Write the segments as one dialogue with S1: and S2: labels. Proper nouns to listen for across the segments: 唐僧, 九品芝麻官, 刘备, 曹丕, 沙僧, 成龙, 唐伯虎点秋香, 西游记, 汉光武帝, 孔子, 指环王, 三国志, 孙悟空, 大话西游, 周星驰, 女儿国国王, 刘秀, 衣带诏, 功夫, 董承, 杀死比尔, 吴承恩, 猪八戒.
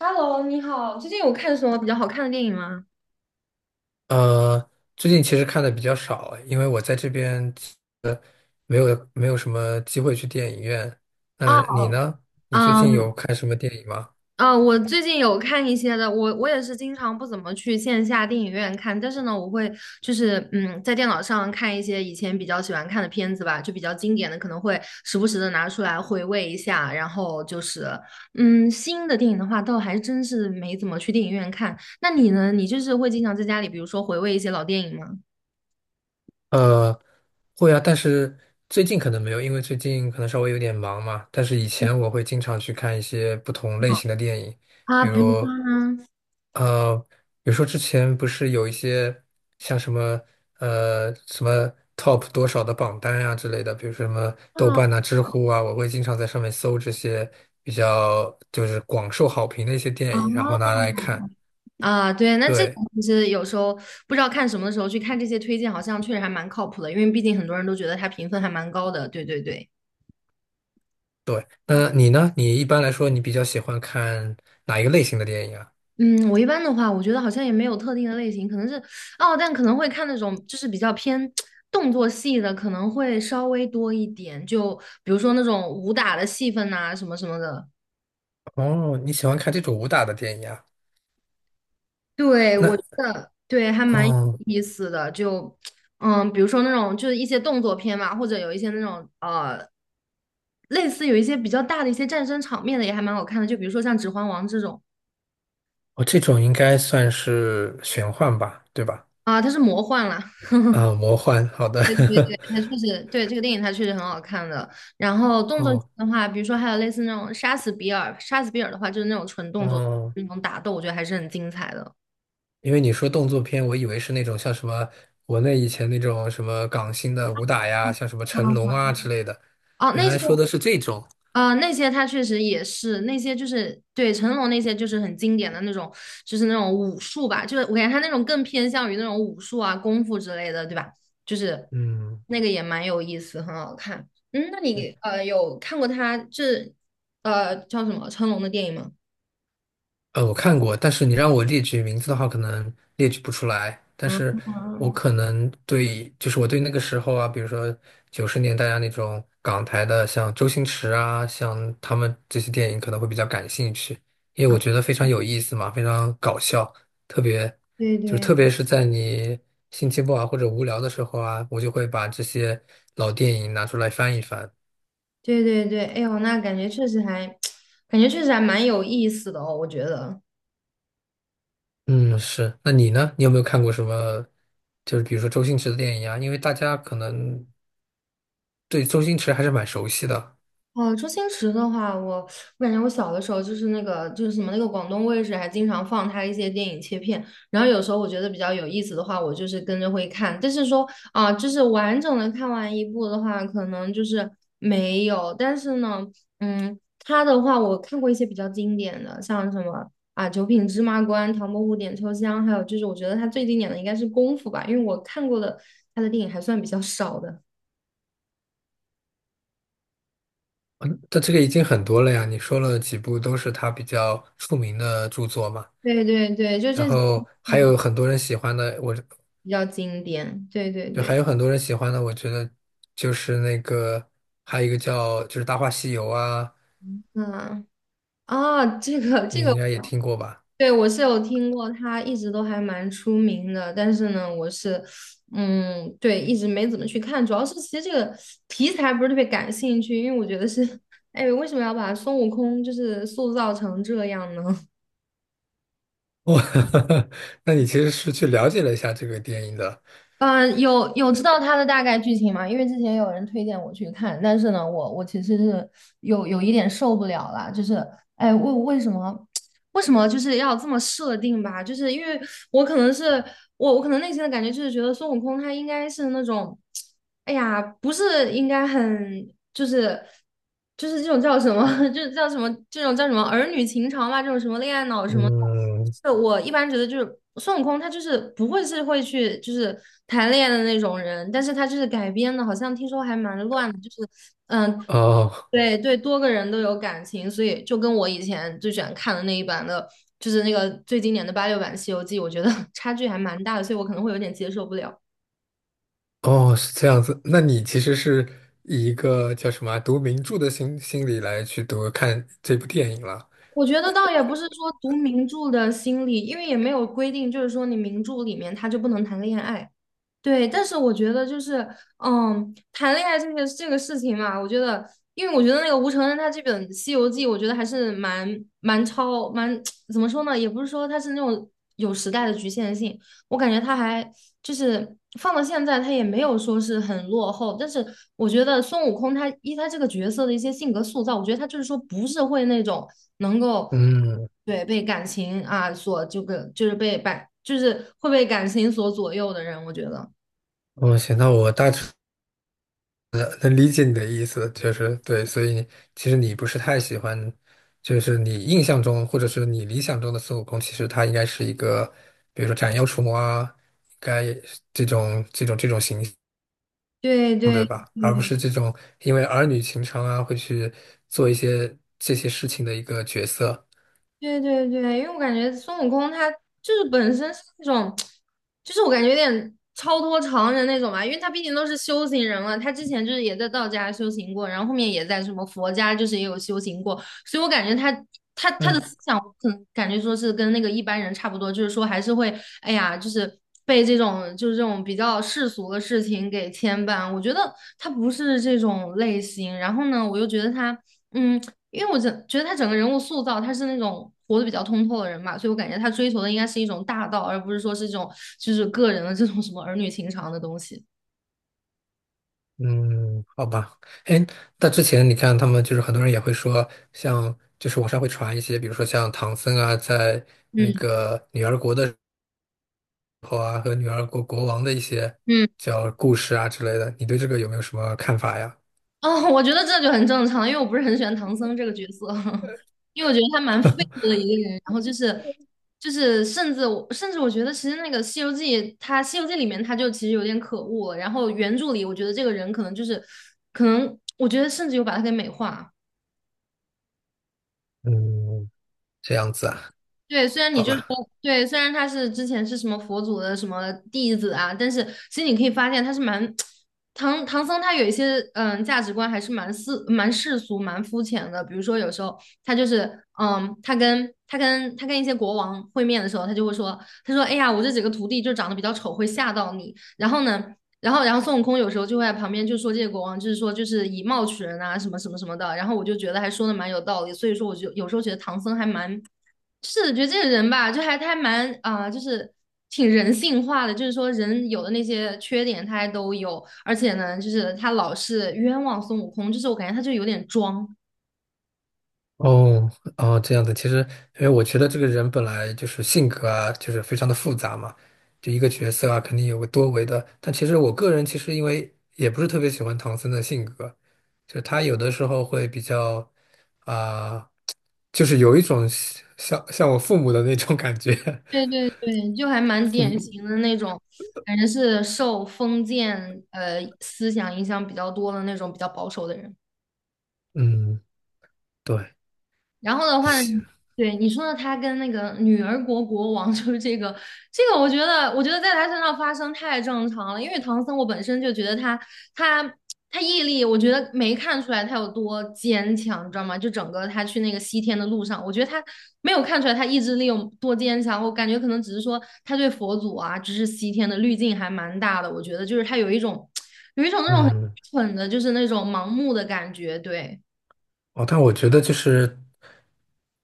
S1: Hello，你好，最近有看什么比较好看的电影吗？
S2: 呃，最近其实看的比较少，因为我在这边没有什么机会去电影院。那
S1: 啊，
S2: 你呢？你最近
S1: 嗯
S2: 有看什么电影吗？
S1: 嗯，我最近有看一些的，我也是经常不怎么去线下电影院看，但是呢，我会就是在电脑上看一些以前比较喜欢看的片子吧，就比较经典的，可能会时不时的拿出来回味一下。然后就是新的电影的话，倒还真是没怎么去电影院看。那你呢？你就是会经常在家里，比如说回味一些老电影吗？
S2: 呃，会啊，但是最近可能没有，因为最近可能稍微有点忙嘛。但是以前我会经常去看一些不同类型的电影，
S1: 啊，
S2: 比
S1: 比如
S2: 如，
S1: 说呢？
S2: 呃，比如说之前不是有一些像什么呃什么 top 多少的榜单啊之类的，比如说什么豆
S1: 啊
S2: 瓣啊、知乎啊，我会经常在上面搜这些比较就是广受好评的一些电影，然
S1: 啊！
S2: 后拿来看。
S1: 啊，对，那这个
S2: 对。
S1: 其实有时候不知道看什么的时候去看这些推荐，好像确实还蛮靠谱的，因为毕竟很多人都觉得它评分还蛮高的。对对对，
S2: 对，那你呢？你一般来说，你比较喜欢看哪一个类型的电影啊？
S1: 嗯，我一般的话，我觉得好像也没有特定的类型，可能是哦，但可能会看那种就是比较偏动作戏的，可能会稍微多一点，就比如说那种武打的戏份呐、什么什么的。
S2: 哦，你喜欢看这种武打的电影啊？
S1: 对，
S2: 那，
S1: 我觉得对还蛮有
S2: 哦，
S1: 意思的，就比如说那种就是一些动作片嘛，或者有一些那种类似有一些比较大的一些战争场面的也还蛮好看的，就比如说像《指环王》这种
S2: 我这种应该算是玄幻吧，对吧？
S1: 啊，它是魔幻啦，
S2: 啊，魔幻，好的。
S1: 对对对，它确实对这个电影它确实很好看的。然后动作片
S2: 哦，
S1: 的话，比如说还有类似那种《杀死比尔》，《杀死比尔》的话就是那种纯动作
S2: 哦，
S1: 那种打斗，我觉得还是很精彩的。
S2: 因为你说动作片，我以为是那种像什么国内以前那种什么港星的武打呀，像什么成龙
S1: 啊
S2: 啊之类的，
S1: 哦、啊
S2: 原
S1: 那些。
S2: 来说的是这种。
S1: 啊，那些他确实也是那些，就是对成龙那些就是很经典的那种，就是那种武术吧，就是我感觉他那种更偏向于那种武术啊、功夫之类的，对吧？就是
S2: 嗯。
S1: 那个也蛮有意思，很好看。嗯，那你
S2: 对。
S1: 有看过他这叫什么成龙的电影吗？
S2: 我看过，但是你让我列举名字的话，可能列举不出来。但
S1: 啊
S2: 是我可能对，就是我对那个时候啊，比如说九十年代啊那种港台的，像周星驰啊，像他们这些电影可能会比较感兴趣，因为我
S1: 啊，
S2: 觉得非常有意思嘛，非常搞笑，特别
S1: 对
S2: 就是
S1: 对
S2: 特别是在你心情不好或者无聊的时候啊，我就会把这些老电影拿出来翻一翻。
S1: 对对对，哎呦，那感觉确实还 感觉确实还蛮有意思的哦，我觉得。
S2: 嗯，是。那你呢？你有没有看过什么，就是比如说周星驰的电影啊？因为大家可能对周星驰还是蛮熟悉的。
S1: 哦，周星驰的话，我感觉我小的时候就是那个就是什么那个广东卫视还经常放他一些电影切片，然后有时候我觉得比较有意思的话，我就是跟着会看，但是说啊、就是完整的看完一部的话，可能就是没有，但是呢，他的话我看过一些比较经典的，像什么啊《九品芝麻官》《唐伯虎点秋香》，还有就是我觉得他最经典的应该是《功夫》吧，因为我看过的他的电影还算比较少的。
S2: 嗯，但这个已经很多了呀。你说了几部都是他比较出名的著作嘛。
S1: 对对对，就这。
S2: 然后还有很多人喜欢的，我
S1: 比较经典。对对
S2: 就还
S1: 对，
S2: 有很多人喜欢的，我觉得就是那个还有一个叫就是《大话西游》啊，
S1: 嗯啊，这个这
S2: 你
S1: 个，
S2: 应该也听过吧？
S1: 对我是有听过，他一直都还蛮出名的，但是呢，我是对，一直没怎么去看，主要是其实这个题材不是特别感兴趣，因为我觉得是，哎，为什么要把孙悟空就是塑造成这样呢？
S2: 哇，那你其实是去了解了一下这个电影的。
S1: 嗯，有知道他的大概剧情吗？因为之前有人推荐我去看，但是呢，我其实是有一点受不了了，就是哎，为什么？为什么就是要这么设定吧？就是因为我可能是我可能内心的感觉就是觉得孙悟空他应该是那种，哎呀，不是应该很就是这种叫什么，就是叫什么这种叫什么儿女情长嘛，这种什么恋爱脑什么的。
S2: 嗯，
S1: 是我一般觉得就是孙悟空他就是不会是会去就是谈恋爱的那种人，但是他就是改编的，好像听说还蛮乱的，就是嗯。
S2: 哦，
S1: 对对，多个人都有感情，所以就跟我以前最喜欢看的那一版的，就是那个最经典的86版《西游记》，我觉得 差距还蛮大的，所以我可能会有点接受不了。
S2: 哦，是这样子。那你其实是以一个叫什么啊读名著的心理来去读看这部电影了。
S1: 我觉得倒也不是说读名著的心理，因为也没有规定，就是说你名著里面他就不能谈恋爱。对，但是我觉得就是，谈恋爱这个事情嘛，我觉得，因为我觉得那个吴承恩他这本《西游记》，我觉得还是蛮 怎么说呢，也不是说他是那种有时代的局限性，我感觉他还就是放到现在，他也没有说是很落后。但是我觉得孙悟空他依他这个角色的一些性格塑造，我觉得他就是说不是会那种能够
S2: 嗯，
S1: 对被感情啊所这个就是被感就是会被感情所左右的人，我觉得。
S2: 哦，行，那我大致能理解你的意思，就是对，所以其实你不是太喜欢，就是你印象中或者是你理想中的孙悟空，其实他应该是一个，比如说斩妖除魔啊，应该这种这种形象，
S1: 对对
S2: 而不
S1: 对
S2: 是这种因为儿女情长啊会去做一些这些事情的一个角色。
S1: 对对对，因为我感觉孙悟空他就是本身是那种，就是我感觉有点超脱常人那种吧，因为他毕竟都是修行人了，他之前就是也在道家修行过，然后后面也在什么佛家就是也有修行过，所以我感觉他他的
S2: 嗯。
S1: 思想，我可能感觉说是跟那个一般人差不多，就是说还是会，哎呀，就是被这种就是这种比较世俗的事情给牵绊，我觉得他不是这种类型，然后呢，我又觉得他。嗯，因为我整觉得他整个人物塑造，他是那种活得比较通透的人嘛，所以我感觉他追求的应该是一种大道，而不是说是这种就是个人的这种什么儿女情长的东西。
S2: 嗯，好吧，哎，那之前你看他们就是很多人也会说，像就是网上会传一些，比如说像唐僧啊，在那
S1: 嗯
S2: 个女儿国的时候啊，和女儿国国王的一些
S1: 嗯，
S2: 叫故事啊之类的，你对这个有没有什么看法呀？
S1: 哦，我觉得这就很正常，因为我不是很喜欢唐僧这个角色，因为我觉得他蛮废物的一个人，然后就是甚至我觉得其实那个《西游记》《西游记》里面他就其实有点可恶了，然后原著里我觉得这个人可能我觉得甚至有把他给美化。
S2: 嗯，这样子啊，
S1: 对，虽然
S2: 好
S1: 你就说
S2: 吧。
S1: 对，虽然他是之前是什么佛祖的什么弟子啊，但是其实你可以发现他是蛮 唐僧，他有一些价值观还是蛮世俗蛮肤浅的。比如说有时候他就是他跟一些国王会面的时候，他就会说，他说哎呀，我这几个徒弟就长得比较丑，会吓到你。然后呢，然后孙悟空有时候就会在旁边就说这些国王就是说就是以貌取人啊，什么什么什么的。然后我就觉得还说的蛮有道理，所以说我就有时候觉得唐僧还蛮。是的，觉得这个人吧，就还他还蛮啊、就是挺人性化的，就是说人有的那些缺点他还都有，而且呢，就是他老是冤枉孙悟空，就是我感觉他就有点装，
S2: 哦哦，这样子，其实因为我觉得这个人本来就是性格啊，就是非常的复杂嘛，就一个角色啊，肯定有个多维的。但其实我个人其实因为也不是特别喜欢唐僧的性格，就是他有的时候会比较啊、就是有一种像我父母的那种感觉。
S1: 对对对，就还蛮
S2: 父
S1: 典
S2: 母，
S1: 型的那种，感觉是受封建思想影响比较多的那种比较保守的人。
S2: 嗯，对，
S1: 然后的话呢，对你说的，他跟那个女儿国国王 就是这个，这个我觉得，我觉得在他身上发生太正常了。因为唐僧，我本身就觉得他他毅力，我觉得没看出来他有多坚强，你知道吗？就整个他去那个西天的路上，我觉得他没有看出来他意志力有多坚强。我感觉可能只是说他对佛祖啊，就是西天的滤镜还蛮大的。我觉得就是他有一种那种很
S2: 嗯。
S1: 蠢的，就是那种盲目的感觉，对，
S2: 哦，但我觉得就是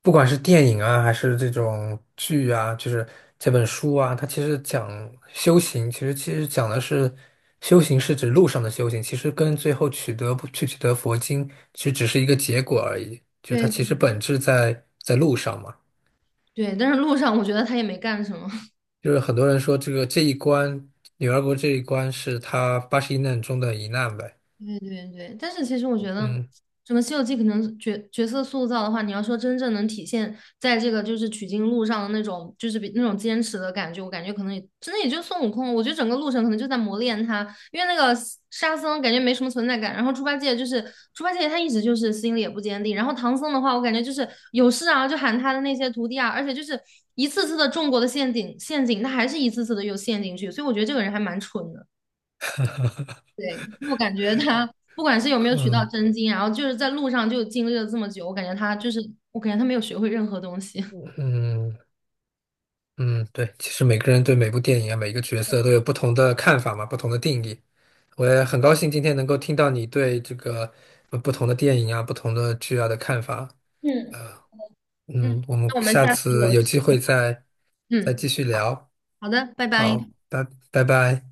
S2: 不管是电影啊，还是这种剧啊，就是这本书啊，它其实讲修行，其实讲的是修行是指路上的修行，其实跟最后取得不去取得佛经，其实只是一个结果而已，就是它
S1: 对。
S2: 其实本质在路上嘛。
S1: 对，但是路上我觉得他也没干什么。
S2: 就是很多人说这个这一关，女儿国这一关是他81难中的一难呗。
S1: 对对对，但是其实我觉得
S2: 嗯
S1: 整个《西游记》可能角色塑造的话，你要说真正能体现在这个就是取经路上的那种，就是比那种坚持的感觉，我感觉可能也真的也就孙悟空。我觉得整个路程可能就在磨练他，因为那个沙僧感觉没什么存在感，然后猪八戒就是猪八戒他一直就是心里也不坚定，然后唐僧的话，我感觉就是有事啊就喊他的那些徒弟啊，而且就是一次次的中过的陷阱，他还是一次次的又陷进去，所以我觉得这个人还蛮蠢的。对，我感觉他不管是有没有取到
S2: 嗯
S1: 真经，然后就是在路上就经历了这么久，我感觉他就是，我感觉他没有学会任何东西。
S2: 嗯，嗯，对，其实每个人对每部电影啊，每个角色都有不同的看法嘛，不同的定义。我也很高兴今天能够听到你对这个不同的电影啊、不同的剧啊的看法。
S1: 嗯嗯，
S2: 嗯，我们
S1: 那我们
S2: 下
S1: 下次有，
S2: 次有机会再
S1: 嗯，
S2: 继续聊。
S1: 好的，拜拜。
S2: 好，拜拜。